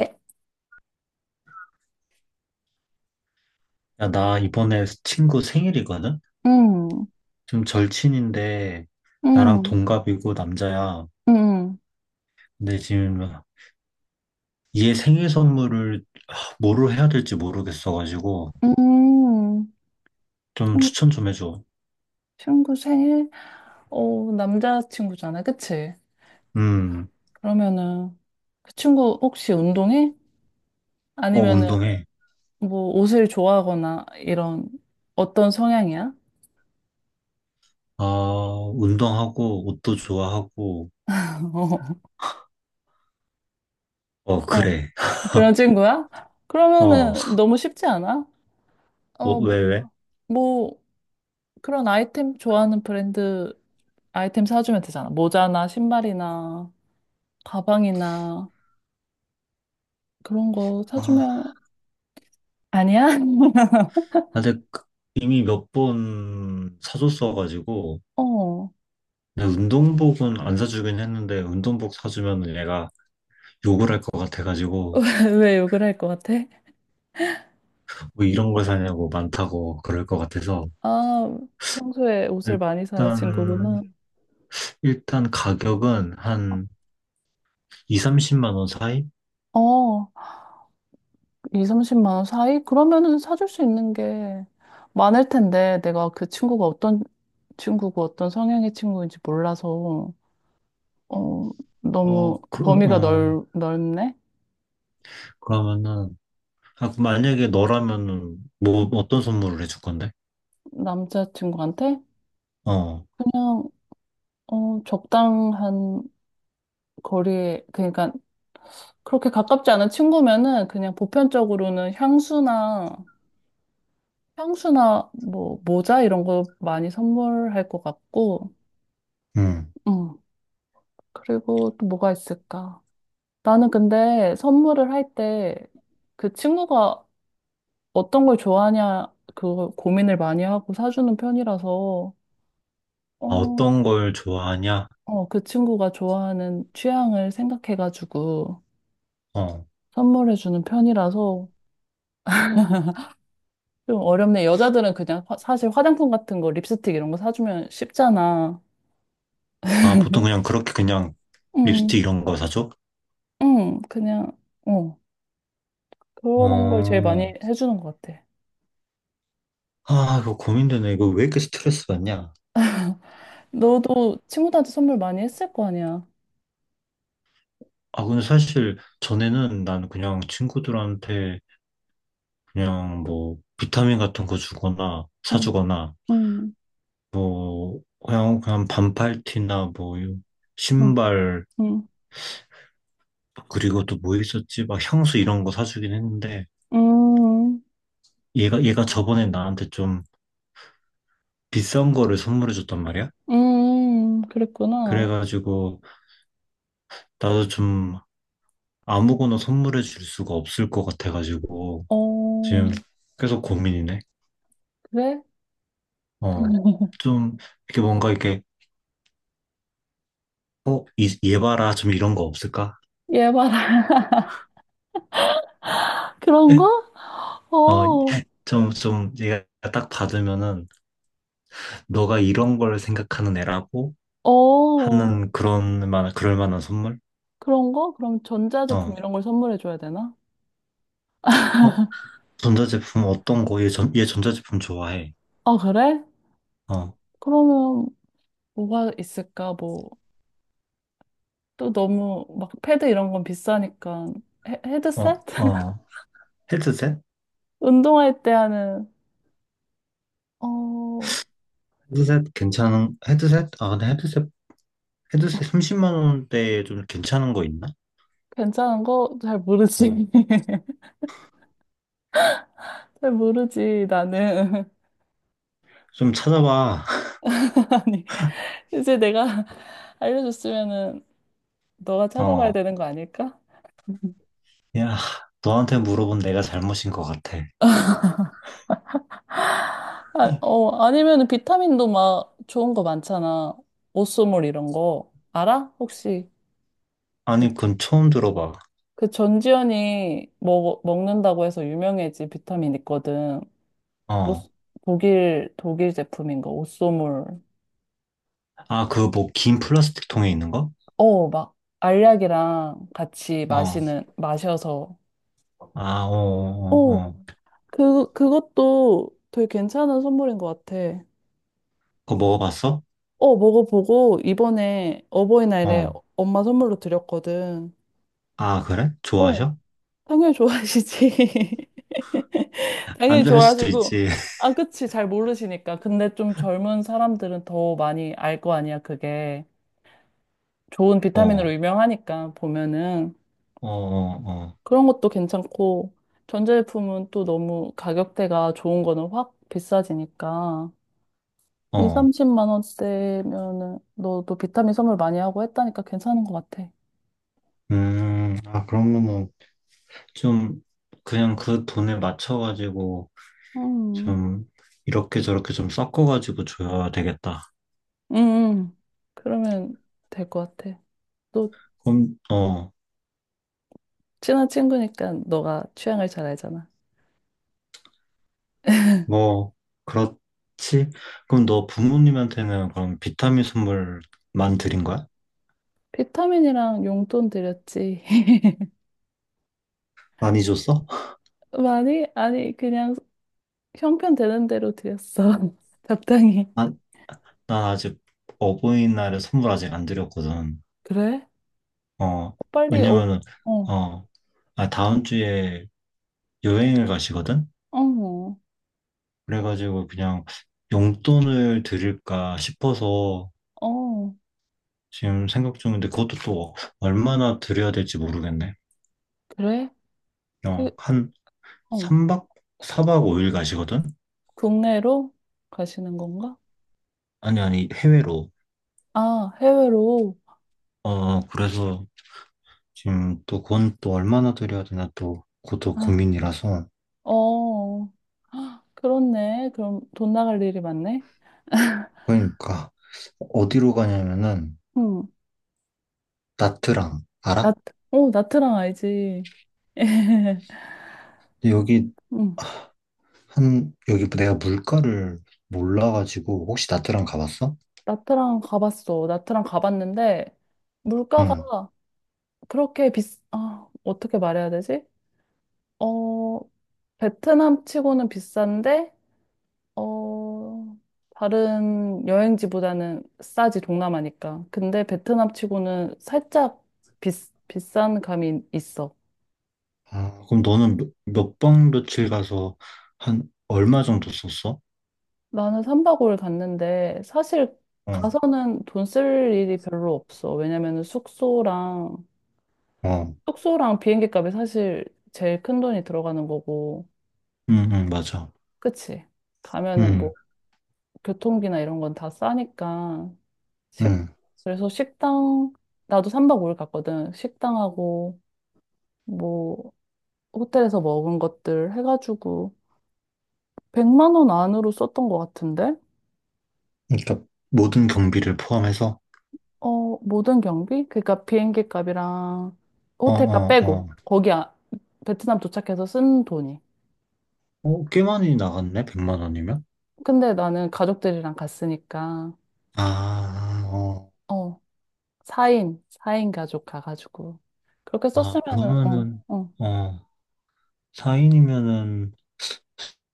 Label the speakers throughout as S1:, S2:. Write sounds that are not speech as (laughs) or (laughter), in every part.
S1: 예?
S2: 야, 나 이번에 친구 생일이거든?
S1: 음,
S2: 좀 절친인데, 나랑
S1: 음,
S2: 동갑이고 남자야.
S1: 음,
S2: 근데 지금 얘 생일 선물을 뭐로 해야 될지 모르겠어가지고,
S1: 음.
S2: 좀
S1: 친-
S2: 추천 좀 해줘.
S1: 친구 생일? 어, 남자친구잖아, 그치?
S2: 음,
S1: 그러면은, 그 친구 혹시 운동해?
S2: 어,
S1: 아니면은,
S2: 운동해.
S1: 뭐, 옷을 좋아하거나, 이런, 어떤 성향이야?
S2: 아, 운동하고, 옷도 좋아하고,
S1: (laughs)
S2: 어,
S1: 어, 어,
S2: 그래.
S1: 그런 친구야?
S2: 어,
S1: 그러면은, 너무 쉽지 않아?
S2: 뭐,
S1: 어,
S2: 왜,
S1: 뭐,
S2: 왜?
S1: 뭐, 그런 아이템 좋아하는 브랜드 아이템 사주면 되잖아. 모자나, 신발이나, 가방이나, 그런 거
S2: 아,
S1: 사주면, 아니야?
S2: 근데 이미 몇 번 사줬어가지고,
S1: 어,
S2: 근데 운동복은 안 사주긴 했는데, 운동복 사주면 얘가 욕을 할 것 같아가지고,
S1: (laughs) 왜 욕을 할 것 같아?
S2: 뭐 이런 걸 사냐고 많다고 그럴 것 같아서
S1: 아, 평소에 옷을 많이 사는
S2: 일단
S1: 친구구나.
S2: 일단 가격은 한 2, 30만 원 사이?
S1: 어, 2, 30만 원 사이? 그러면은 사줄 수 있는 게 많을 텐데, 내가 그 친구가 어떤 친구고 어떤 성향의 친구인지 몰라서, 어, 너무
S2: 어,
S1: 범위가 넓네?
S2: 그러면은 아, 그 만약에 너라면은 뭐 어떤 선물을 해줄 건데?
S1: 남자친구한테?
S2: 어,
S1: 그냥, 어, 적당한 거리에, 그러니까, 그렇게 가깝지 않은 친구면은 그냥 보편적으로는 향수나 뭐 모자 이런 거 많이 선물할 것 같고,
S2: 음.
S1: 음. 그리고 또 뭐가 있을까? 나는 근데 선물을 할 때 그 친구가 어떤 걸 좋아하냐 그거 고민을 많이 하고 사주는 편이라서,
S2: 아,
S1: 어,
S2: 어떤 걸 좋아하냐?
S1: 어, 그 친구가 좋아하는 취향을 생각해가지고
S2: 어,
S1: 선물해주는 편이라서 좀 어렵네. 여자들은 그냥 사실 화장품 같은 거, 립스틱 이런 거 사주면 쉽잖아.
S2: 아, 보통 그냥 그렇게 그냥
S1: 응,
S2: 립스틱 이런 거 사줘?
S1: 응, 그냥. 어. 그런 걸 제일
S2: 어,
S1: 많이 해주는 것 같아.
S2: 아, 이거 고민되네. 이거 왜 이렇게 스트레스 받냐?
S1: 너도 친구들한테 선물 많이 했을 거 아니야.
S2: 아, 근데 사실 전에는 난 그냥 친구들한테 그냥 뭐 비타민 같은 거 주거나
S1: 응,
S2: 사주거나
S1: 응,
S2: 뭐 그냥 반팔티나 뭐
S1: 응,
S2: 신발
S1: 응,
S2: 그리고 또 뭐 있었지? 막 향수 이런 거 사주긴 했는데
S1: 응,
S2: 얘가 저번에 나한테 좀 비싼 거를 선물해 줬단 말이야.
S1: 응, 그랬구나.
S2: 그래가지고 나도 좀 아무거나 선물해 줄 수가 없을 것 같아가지고
S1: 어,
S2: 지금 계속 고민이네.
S1: 그래?
S2: 어.
S1: (laughs)
S2: 좀 이렇게 뭔가 이렇게 얘 봐라 좀 이런 거 없을까?
S1: 얘 봐라. 그런 거?
S2: 어,
S1: 어,
S2: 좀, 얘가 딱 받으면은, 너가 이런 걸 생각하는 애라고
S1: 어,
S2: 하는 그럴 만한 선물?
S1: 그런 거? 그럼 전자제품
S2: 어,
S1: 이런 걸 선물해 줘야 되나?
S2: 어, 전자제품 어떤 거? 얘 전자제품 좋아해.
S1: 아, 그래?
S2: 어,
S1: 그러면 뭐가 있을까? 뭐, 또 너무 막 패드 이런 건 비싸니까 헤,
S2: 어,
S1: 헤드셋? (laughs)
S2: 어, 헤드셋?
S1: 운동할 때 하는, 어,
S2: 헤드셋 괜찮은, 헤드셋? 아, 근데 헤드셋 30만 원대에 좀 괜찮은 거 있나?
S1: 괜찮은 거 잘
S2: 어,
S1: 모르지. (laughs) 잘 모르지, 나는.
S2: 좀 찾아봐. (laughs)
S1: (laughs) 아니, 이제 내가 (laughs) 알려줬으면은 너가 찾아봐야
S2: 어,
S1: 되는 거 아닐까?
S2: 야, 너한테 물어본 내가 잘못인 것 같아.
S1: 아, 어, 아니면은 비타민도 막 좋은 거 많잖아. 오쏘물 이런 거. 알아? 혹시? 그,
S2: 아니, 그건 처음 들어봐.
S1: 그 전지현이 먹는다고 해서 유명해진 비타민 있거든. 오쏘-
S2: 어,
S1: 독일 제품인 거, 오쏘물.
S2: 아, 그 뭐, 긴 플라스틱 통에 있는 거?
S1: 어, 막 알약이랑 같이
S2: 어,
S1: 마시는, 마셔서.
S2: 아, 어, 어,
S1: 어,
S2: 어. 어.
S1: 그것도 되게 괜찮은 선물인 것 같아.
S2: 그거 먹어봤어?
S1: 어, 먹어보고 이번에 어버이날에
S2: 어.
S1: 엄마 선물로 드렸거든.
S2: 아, 그래?
S1: 어,
S2: 좋아하셔?
S1: 당연히 좋아하시지. (laughs)
S2: 안
S1: 당연히
S2: 좋아할 수도
S1: 좋아하시고.
S2: 있지. (laughs)
S1: 아, 그치. 잘 모르시니까. 근데 좀 젊은 사람들은 더 많이 알 거 아니야, 그게. 좋은
S2: 어,
S1: 비타민으로
S2: 어,
S1: 유명하니까, 보면은.
S2: 어,
S1: 그런 것도 괜찮고, 전자제품은 또 너무 가격대가 좋은 거는 확 비싸지니까.
S2: 어,
S1: 2,
S2: 어.
S1: 30만 원대면은 너도 비타민 선물 많이 하고 했다니까 괜찮은 것 같아.
S2: 아, 그러면은 좀 그냥 그 돈에 맞춰가지고
S1: 음,
S2: 좀 이렇게 저렇게 좀 섞어가지고 줘야 되겠다.
S1: 응, 응. 그러면 될 것 같아. 너
S2: 그럼, 어,
S1: 친한 친구니까 너가 취향을 잘 알잖아.
S2: 뭐, 그렇지? 그럼 너 부모님한테는 그럼 비타민 선물만 드린 거야?
S1: 비타민이랑 용돈 드렸지. (laughs)
S2: 많이 줬어?
S1: 많이? 아니, 그냥 형편 되는 대로 드렸어. (laughs) 적당히.
S2: 아, 난 아직 어버이날에 선물 아직 안 드렸거든.
S1: 그래?
S2: 어,
S1: 빨리, 어,
S2: 왜냐면은,
S1: 어,
S2: 어, 아, 다음 주에 여행을 가시거든?
S1: 어,
S2: 그래가지고 그냥 용돈을 드릴까 싶어서
S1: 어,
S2: 지금 생각 중인데 그것도 또 얼마나 드려야 될지 모르겠네.
S1: 그래? 그,
S2: 어, 한
S1: 어,
S2: 3박, 4박 5일 가시거든?
S1: 국내로 가시는 건가?
S2: 아니, 아니, 해외로.
S1: 아, 해외로.
S2: 어, 그래서 지금 또 그건 또 얼마나 드려야 되나 또 그것도
S1: 아.
S2: 고민이라서.
S1: 어, 헉, 그렇네. 그럼 돈 나갈 일이 많네.
S2: 그러니까 어디로 가냐면은
S1: 응.
S2: 나트랑, 알아?
S1: 나트, 어, 나트랑 알지. (laughs)
S2: 여기
S1: 응.
S2: 여기 내가 물가를 몰라가지고, 혹시 나트랑 가봤어?
S1: 나트랑 가봤어. 나트랑 가봤는데,
S2: 응.
S1: 물가가 그렇게 아, 어떻게 말해야 되지? 어, 베트남 치고는 비싼데, 어, 다른 여행지보다는 싸지, 동남아니까. 근데 베트남 치고는 살짝 비, 비싼 감이 있어.
S2: 아, 그럼 너는 몇 박, 며칠 가서 한 얼마 정도 썼어?
S1: 나는 3박 5일 갔는데 사실
S2: 응.
S1: 가서는 돈 쓸 일이 별로 없어. 왜냐면은
S2: 어,
S1: 숙소랑 비행기 값이 사실 제일 큰 돈이 들어가는 거고.
S2: 응, 응, 맞아.
S1: 그치? 가면은
S2: 응,
S1: 뭐 교통비나 이런 건 다 싸니까. 식
S2: 응.
S1: 그래서 식당 나도 3박 5일 갔거든. 식당하고 뭐 호텔에서 먹은 것들 해가지고 100만 원 안으로 썼던 것 같은데?
S2: 그러니까 모든 경비를 포함해서?
S1: 어, 모든 경비? 그러니까 비행기 값이랑
S2: 어,
S1: 호텔 값
S2: 어,
S1: 빼고
S2: 어.
S1: 거기 아, 베트남 도착해서 쓴 돈이.
S2: 어, 꽤 많이 나갔네, 100만 원이면?
S1: 근데 나는 가족들이랑 갔으니까
S2: 아, 어.
S1: 어, 4인, 사인 가족 가가지고 그렇게
S2: 아,
S1: 썼으면은 어,
S2: 그러면은,
S1: 어.
S2: 어, 4인이면은,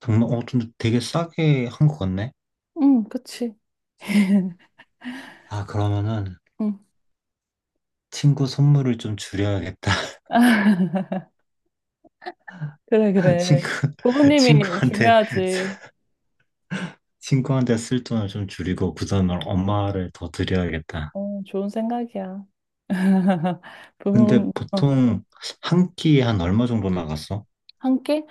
S2: 정말, 어, 근데 되게 싸게 한 것 같네?
S1: 응, 그치.
S2: 아, 그러면은,
S1: 응.
S2: 친구 선물을 좀 줄여야겠다.
S1: 그래,
S2: 친구,
S1: 그래.
S2: (laughs)
S1: 부모님이
S2: 친구한테,
S1: 중요하지.
S2: (laughs) 친구한테 쓸 돈을 좀 줄이고 그 돈을
S1: 응,
S2: 엄마를 더 드려야겠다.
S1: 어, 좋은 생각이야. (laughs)
S2: 근데
S1: 부모님, 어.
S2: 보통 한 끼에 한 얼마 정도 나갔어?
S1: 한 끼?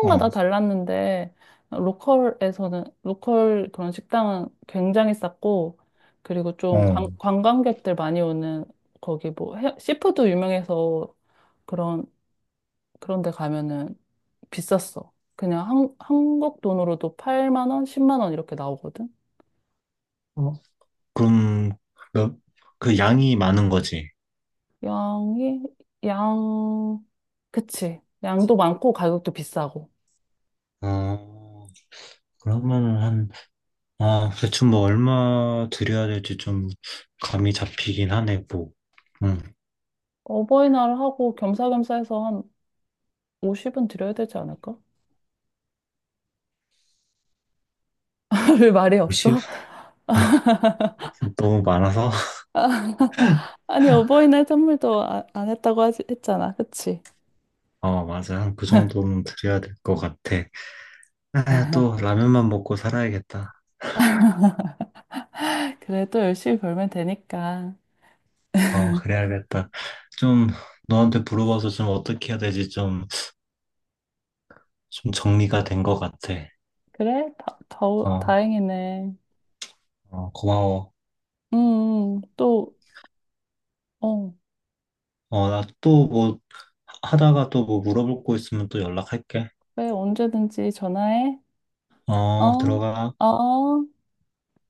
S2: 어,
S1: 달랐는데, 로컬에서는, 로컬 그런 식당은 굉장히 쌌고, 그리고 좀
S2: 어.
S1: 관광객들 많이 오는, 거기 뭐, 시푸드 유명해서 그런, 그런 데 가면은 비쌌어. 그냥 한국 돈으로도 8만 원, 10만 원 이렇게 나오거든?
S2: 어, 그럼, 그 양이 많은 거지.
S1: 양이, 양, 그치. 양도 많고 가격도 비싸고.
S2: 어, 그러면은 아, 대충 뭐 얼마 드려야 될지 좀 감이 잡히긴 하네, 뭐. 응,
S1: 어버이날 하고 겸사겸사 해서 한 50은 드려야 되지 않을까? 별 말이
S2: 10? (laughs)
S1: 없어?
S2: 너무 많아서? (laughs)
S1: 아, (laughs) 아니, 어버이날 선물도 안 했다고 하지, 했잖아. 그치?
S2: 어, 맞아. 한 그 정도는 드려야 될 것 같아. 아, 또 라면만 먹고 살아야겠다.
S1: 그래도 열심히 벌면 되니까.
S2: 어, 그래야겠다. 좀 너한테 물어봐서 좀 어떻게 해야 되지? 좀 정리가 된 것 같아.
S1: 그래?
S2: 어,
S1: 다행이네.
S2: 어, 고마워.
S1: 또, 어,
S2: 어, 나 또 뭐 하다가 또 뭐 물어볼 거 있으면 또 연락할게.
S1: 그래, 언제든지 전화해. 어,
S2: 어, 들어가.
S1: 어.